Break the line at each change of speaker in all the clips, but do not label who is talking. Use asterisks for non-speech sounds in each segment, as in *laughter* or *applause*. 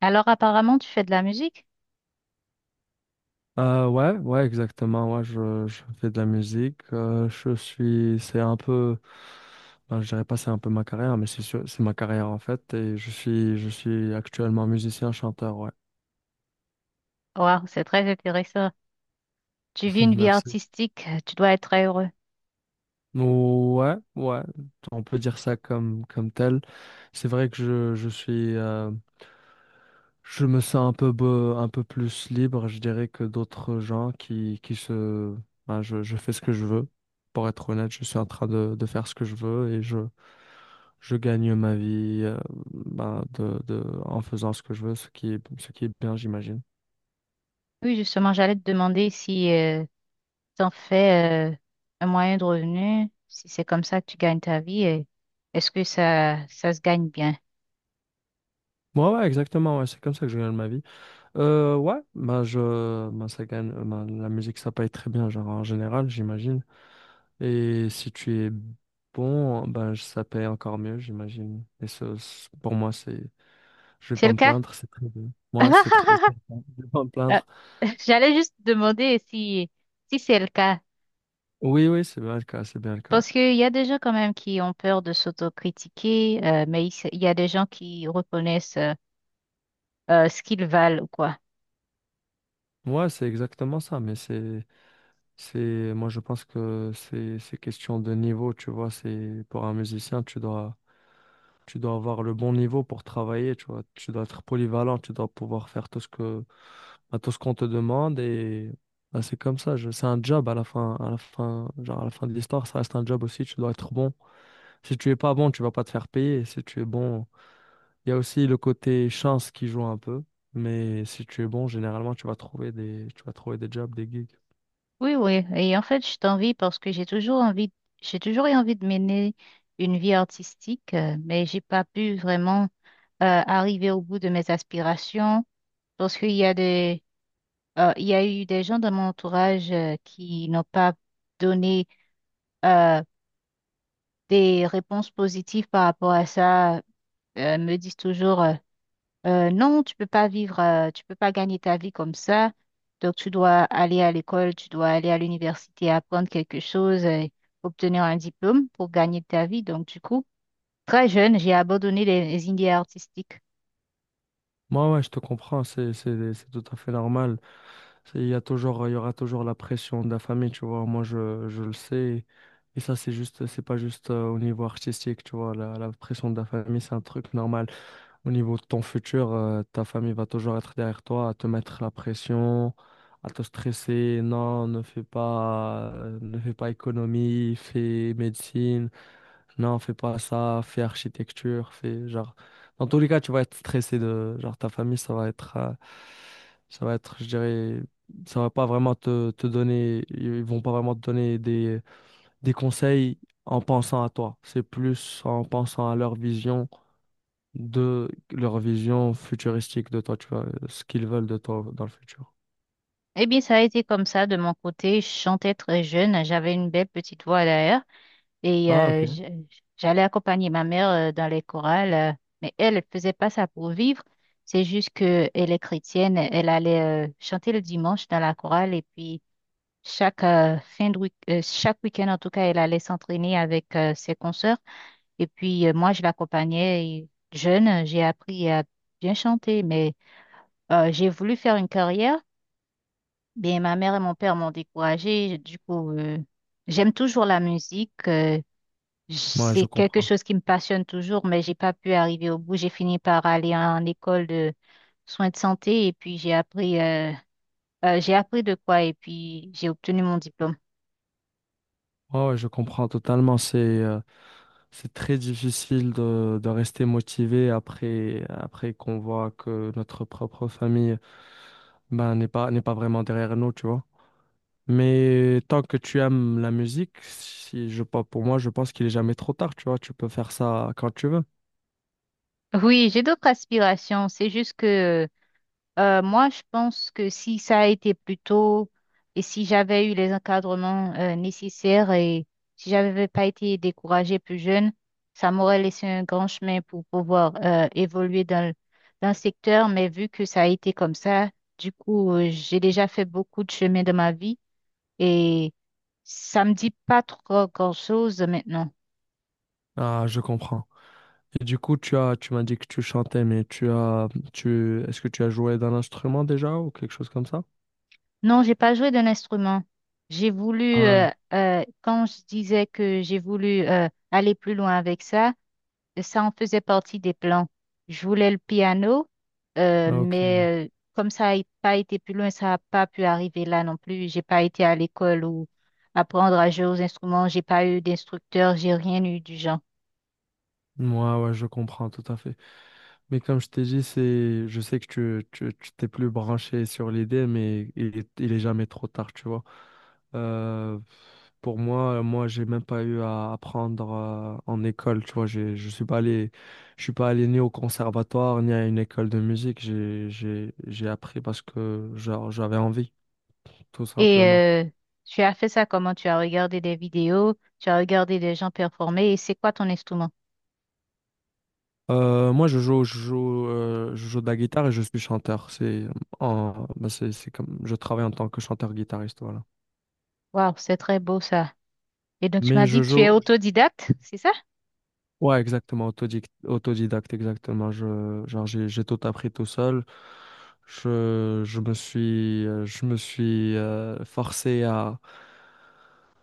Alors apparemment, tu fais de la musique?
Ouais, ouais, exactement. Ouais, je fais de la musique. Je suis, c'est un peu, ben, je dirais pas c'est un peu ma carrière, mais c'est ma carrière en fait. Je suis actuellement musicien, chanteur. Ouais,
Waouh, c'est très intéressant. Tu
*laughs*
vis une vie
merci.
artistique, tu dois être très heureux.
Ouais, ouais, on peut dire ça comme tel. C'est vrai que je suis, je me sens un peu, un peu plus libre, je dirais, que d'autres gens qui se... Ben, je fais ce que je veux. Pour être honnête, je suis en train de faire ce que je veux et je gagne ma vie, en faisant ce que je veux, ce qui est bien, j'imagine.
Oui, justement, j'allais te demander si tu en fais un moyen de revenu, si c'est comme ça que tu gagnes ta vie, et est-ce que ça se gagne bien?
Ouais, ouais, exactement, ouais, c'est comme ça que je gagne ma vie. Ouais, ben, je, ben, ça gagne, ben, La musique, ça paye très bien, genre, en général, j'imagine. Et si tu es bon, ça paye encore mieux, j'imagine. Et ça, c'est- pour moi, c'est, je vais
C'est
pas
le
me
cas?
plaindre, c'est très bien. Moi, c'est très, c'est-
*laughs*
Je vais pas me
Ah,
plaindre.
j'allais juste demander si, si c'est le cas.
Oui, oui, c'est bien le cas, c'est bien le cas.
Parce qu'il y a des gens quand même qui ont peur de s'autocritiquer, mais il y a des gens qui reconnaissent ce qu'ils valent ou quoi.
Moi, c'est exactement ça, mais moi, je pense que c'est question de niveau, tu vois. C'est pour un musicien, tu dois Tu dois avoir le bon niveau pour travailler, tu vois. Tu dois être polyvalent, tu dois pouvoir faire bah, tout ce qu'on te demande et bah, c'est comme ça. C'est un job à la fin, genre à la fin de l'histoire, ça reste un job aussi. Tu dois être bon. Si tu es pas bon, tu vas pas te faire payer. Et si tu es bon, il y a aussi le côté chance qui joue un peu. Mais si tu es bon, généralement, tu vas tu vas trouver des jobs, des gigs.
Oui, oui. Et en fait, je t'envie parce que j'ai toujours envie, j'ai toujours eu envie de mener une vie artistique, mais j'ai pas pu vraiment arriver au bout de mes aspirations parce qu'il y a il y a eu des gens dans mon entourage qui n'ont pas donné euh, des réponses positives par rapport à ça. Me disent toujours non, tu peux pas vivre, tu peux pas gagner ta vie comme ça. Donc, tu dois aller à l'école, tu dois aller à l'université, apprendre quelque chose, obtenir un diplôme pour gagner ta vie. Donc, du coup, très jeune, j'ai abandonné les idées artistiques.
Moi, ouais, je te comprends. C'est tout à fait normal. Il y a toujours, il y aura toujours la pression de la famille, tu vois. Moi, je le sais. Et ça, c'est juste, c'est pas juste au niveau artistique, tu vois. La pression de la famille, c'est un truc normal. Au niveau de ton futur, ta famille va toujours être derrière toi, à te mettre la pression, à te stresser. Non, ne fais pas économie, fais médecine. Non, fais pas ça, fais architecture, fais genre. Dans tous les cas, tu vas être stressé de genre ta famille, je dirais, ça va pas vraiment te, te donner, ils vont pas vraiment te donner des conseils en pensant à toi. C'est plus en pensant à leur vision de leur vision futuristique de toi, tu vois, ce qu'ils veulent de toi dans le futur.
Eh bien, ça a été comme ça de mon côté. Je chantais très jeune, j'avais une belle petite voix d'ailleurs, et
Ah, ok.
je- j'allais accompagner ma mère dans les chorales. Mais elle, elle faisait pas ça pour vivre. C'est juste que elle est chrétienne, elle allait chanter le dimanche dans la chorale et puis chaque chaque week-end, en tout cas, elle allait s'entraîner avec ses consoeurs. Et puis, moi, je l'accompagnais et jeune. J'ai appris à bien chanter, mais j'ai voulu faire une carrière. Mais ma mère et mon père m'ont découragée. Du coup, j'aime toujours la musique.
Moi,
C'est
je
quelque
comprends.
chose qui me passionne toujours, mais j'ai pas pu arriver au bout. J'ai fini par aller en école de soins de santé et puis j'ai appris de quoi et puis j'ai obtenu mon diplôme.
Ouais, ouais, je comprends totalement. C'est très difficile de rester motivé après, après qu'on voit que notre propre famille ben, n'est pas vraiment derrière nous, tu vois. Mais tant que tu aimes la musique, si je, pas- pour moi, je pense qu'il est jamais trop tard, tu vois. Tu peux faire ça quand tu veux.
Oui, j'ai d'autres aspirations. C'est juste que moi, je pense que si ça a été plus tôt et si j'avais eu les encadrements nécessaires et si j'avais pas été découragée plus jeune, ça m'aurait laissé un grand chemin pour pouvoir évoluer dans le secteur. Mais vu que ça a été comme ça, du coup, j'ai déjà fait beaucoup de chemin de ma vie et ça me dit pas trop grand-chose maintenant.
Ah, je comprends. Et du coup, tu m'as dit que tu chantais, est-ce que tu as joué d'un instrument déjà ou quelque chose comme ça?
Non, j'ai pas joué d'un instrument. J'ai voulu,
Ah,
quand je disais que j'ai voulu aller plus loin avec ça, ça en faisait partie des plans. Je voulais le piano, euh,
ok.
mais euh, comme ça n'a pas été plus loin, ça n'a pas pu arriver là non plus. J'ai pas été à l'école ou apprendre à jouer aux instruments. J'ai pas eu d'instructeur, j'ai rien eu du genre.
Moi, ouais, ouais, je comprends tout à fait. Mais comme je t'ai dit, c'est, je sais que tu t'es plus branché sur l'idée, mais il est jamais trop tard, tu vois. Euh, Moi, j'ai même pas eu à apprendre en école, tu vois. Je suis pas allé, je suis pas allé ni au conservatoire ni à une école de musique. J'ai appris parce que genre, j'avais envie, tout
Et
simplement.
tu as fait ça comment? Tu as regardé des vidéos, tu as regardé des gens performer. Et c'est quoi ton instrument?
Moi, je joue, je joue, Je joue de la guitare et je suis chanteur. C'est en, bah, c'est comme, Je travaille en tant que chanteur-guitariste, voilà.
Waouh, c'est très beau ça. Et donc, tu
Mais
m'as
je
dit que tu es
joue,
autodidacte, c'est ça?
Ouais, exactement, autodidacte, exactement. J'ai tout appris tout seul. Je me suis forcé à,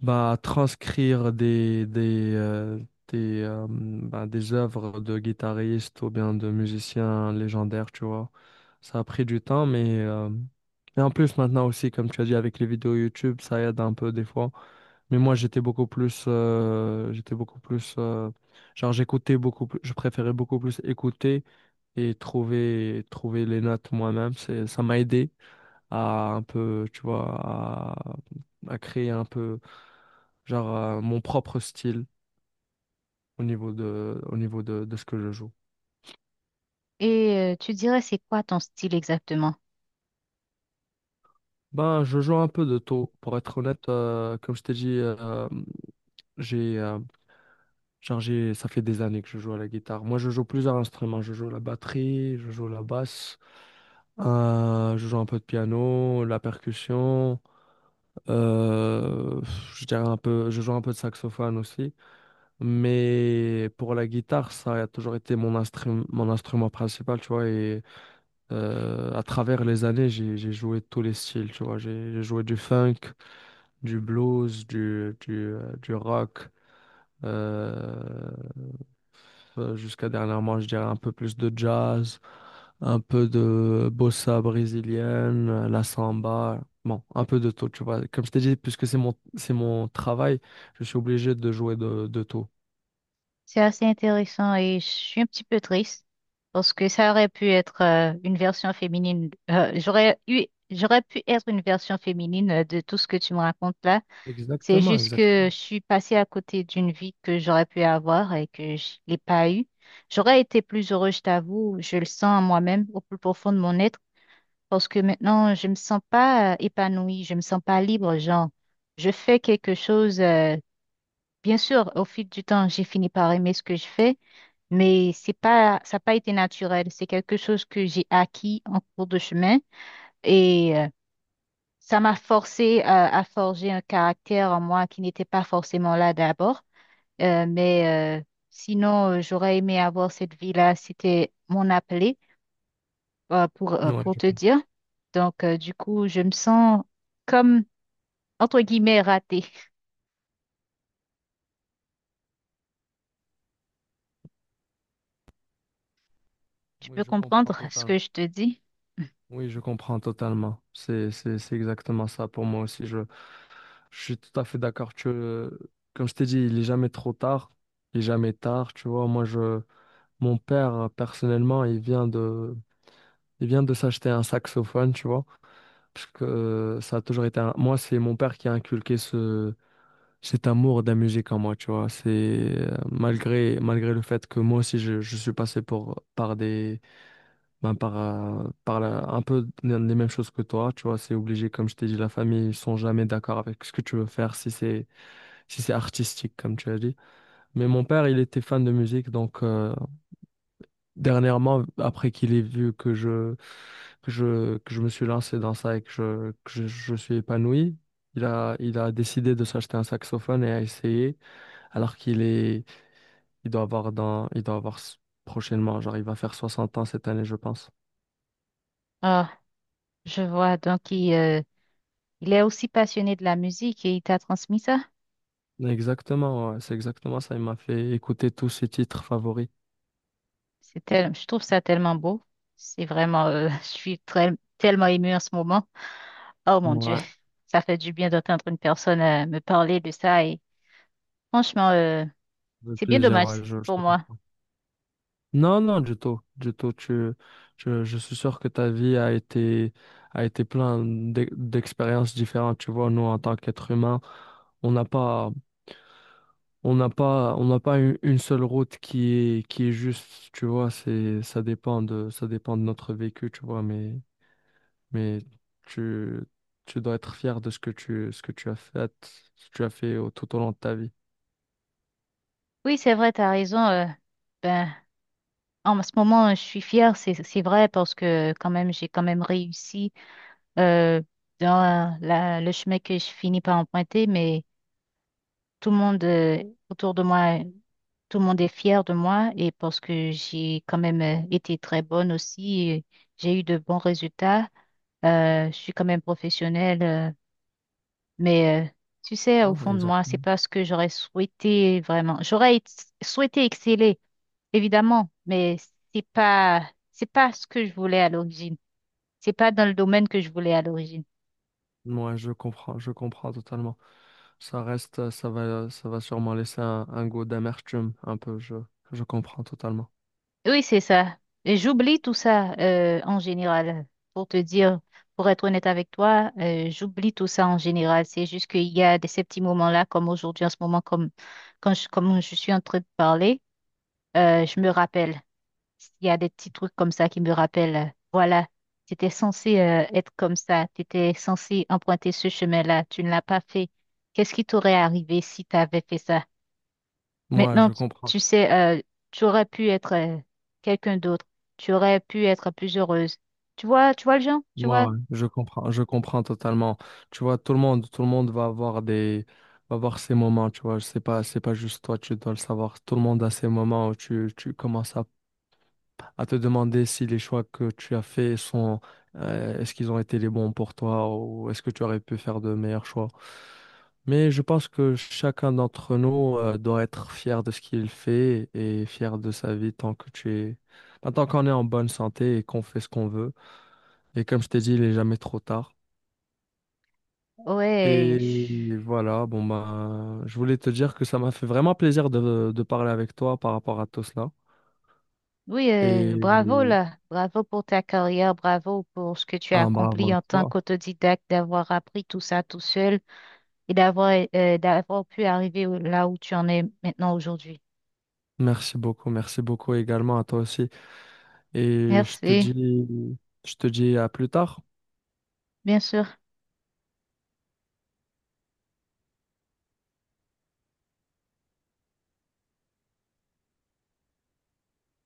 bah, transcrire bah, des œuvres de guitaristes ou bien de musiciens légendaires, tu vois. Ça a pris du temps, et en plus maintenant aussi, comme tu as dit, avec les vidéos YouTube, ça aide un peu des fois. Mais moi, j'étais beaucoup plus, j'écoutais beaucoup plus, je préférais beaucoup plus écouter et trouver les notes moi-même. Ça m'a aidé à un peu, tu vois, à, à créer un peu, mon propre style au niveau de ce que je joue.
Et tu dirais, c'est quoi ton style exactement?
Ben, je joue un peu de tout. Pour être honnête, comme je t'ai dit, j'ai, euh, ça fait des années que je joue à la guitare. Moi, je joue plusieurs instruments. Je joue la batterie, je joue la basse, je joue un peu de piano, la percussion, euh, je joue un peu de saxophone aussi. Mais pour la guitare, ça a toujours été mon mon instrument principal, tu vois. Et à travers les années, j'ai joué tous les styles, tu vois. J'ai joué du funk, du blues, du rock, euh, jusqu'à dernièrement, je dirais un peu plus de jazz, un peu de bossa brésilienne, la samba. Bon, un peu de tout, tu vois. Comme je t'ai dit, puisque c'est mon travail, je suis obligé de jouer de tout.
C'est assez intéressant et je suis un petit peu triste parce que ça aurait pu être une version féminine. J'aurais eu, j'aurais pu être une version féminine de tout ce que tu me racontes là. C'est
Exactement,
juste que
exactement.
je suis passée à côté d'une vie que j'aurais pu avoir et que je l'ai pas eue. J'aurais été plus heureuse, je t'avoue, je le sens en moi-même, au plus profond de mon être. Parce que maintenant, je me sens pas épanouie, je me sens pas libre, genre, je fais quelque chose, bien sûr, au fil du temps, j'ai fini par aimer ce que je fais, mais c'est pas, ça n'a pas été naturel, c'est quelque chose que j'ai acquis en cours de chemin et ça m'a forcé à forger un caractère en moi qui n'était pas forcément là d'abord, Euh, mais euh, sinon, j'aurais aimé avoir cette vie-là, c'était mon appelé.
Oui,
Pour
je
te
comprends.
dire. Donc, du coup, je me sens comme, entre guillemets, ratée. Tu
Oui,
peux
je comprends
comprendre ce que
totalement.
je te dis?
Oui, je comprends totalement. C'est exactement ça pour moi aussi. Je suis tout à fait d'accord. Comme je t'ai dit, il est jamais trop tard. Il est jamais tard. Tu vois, mon père, personnellement, il vient de s'acheter un saxophone, tu vois. Parce que ça a toujours été un... Moi, c'est mon père qui a inculqué ce... cet amour de la musique en moi, tu vois. C'est Malgré, malgré le fait que moi aussi, je suis passé pour... par des... ben, un peu les mêmes choses que toi, tu vois, c'est obligé, comme je t'ai dit, la famille, ils sont jamais d'accord avec ce que tu veux faire si c'est si c'est artistique, comme tu as dit. Mais mon père, il était fan de musique, donc dernièrement, après qu'il ait vu que je me suis lancé dans ça et je suis épanoui, il a décidé de s'acheter un saxophone et a essayé, alors qu'il est il doit avoir prochainement, genre il va faire 60 ans cette année, je pense.
Ah, je vois. Donc, il est aussi passionné de la musique et il t'a transmis ça.
Exactement, ouais, c'est exactement ça. Il m'a fait écouter tous ses titres favoris.
Je trouve ça tellement beau. C'est vraiment, *laughs* je suis très, tellement émue en ce moment. Oh mon Dieu,
Ouais,
*laughs* ça fait du bien d'entendre une personne me parler de ça et franchement,
le
c'est bien
plaisir,
dommage
ouais, je
pour
te
moi.
comprends. Non, non, du tout, du tout. Je suis sûr que ta vie a été plein d'expériences différentes. Tu vois, nous, en tant qu'êtres humains, on n'a pas, on n'a pas une seule route qui est juste. Tu vois, c'est, ça dépend ça dépend de notre vécu. Tu vois, mais tu, tu dois être fier de ce que ce que tu as fait, ce que tu as fait tout au long de ta vie.
Oui, c'est vrai, t'as raison. Ben, en ce moment, je suis fière, c'est vrai parce que quand même, j'ai quand même réussi euh, dans le chemin que je finis par emprunter, mais tout le monde autour de moi, tout le monde est fier de moi et parce que j'ai quand même été très bonne aussi, et j'ai eu de bons résultats. Je suis quand même professionnelle. Mais euh, Tu sais, au
Hein,
fond de moi, c'est
exactement.
pas ce que j'aurais souhaité vraiment. Souhaité exceller, évidemment, mais c'est pas c'est pas ce que je voulais à l'origine. C'est pas dans le domaine que je voulais à l'origine.
Moi, je comprends totalement. Ça va sûrement laisser un goût d'amertume, un peu. Je comprends totalement.
Oui, c'est ça. Et j'oublie tout ça en général. Pour te dire, pour être honnête avec toi, j'oublie tout ça en général. C'est juste qu'il y a des, ces petits moments-là, comme aujourd'hui en ce moment, comme je suis en train de parler, je me rappelle. Il y a des petits trucs comme ça qui me rappellent, voilà, tu étais censé être comme ça, tu étais censé emprunter ce chemin-là, tu ne l'as pas fait. Qu'est-ce qui t'aurait arrivé si tu avais fait ça?
Moi,
Maintenant,
je
tu
comprends.
tu sais, tu aurais pu être quelqu'un d'autre, tu aurais pu être plus heureuse. Tu vois le genre, tu vois,
Moi, ouais, je comprends totalement. Tu vois, tout le monde va avoir va avoir ces moments. Tu vois, c'est pas juste toi, tu dois le savoir. Tout le monde a ces moments où tu commences à te demander si les choix que tu as faits sont, est-ce qu'ils ont été les bons pour toi ou est-ce que tu aurais pu faire de meilleurs choix. Mais je pense que chacun d'entre nous, doit être fier de ce qu'il fait et fier de sa vie tant que bah, tant qu'on est en bonne santé et qu'on fait ce qu'on veut. Et comme je t'ai dit, il n'est jamais trop tard.
ouais,
Et
je-
voilà, bon bah, je voulais te dire que ça m'a fait vraiment plaisir de parler avec toi par rapport à tout cela.
oui, bravo
Et
là, bravo pour ta carrière, bravo pour ce que tu as
un bravo à
accompli en tant
toi.
qu'autodidacte, d'avoir appris tout ça tout seul et d'avoir là où tu en es maintenant aujourd'hui.
Merci beaucoup également à toi aussi. Et
Merci,
je te dis à plus tard.
bien sûr.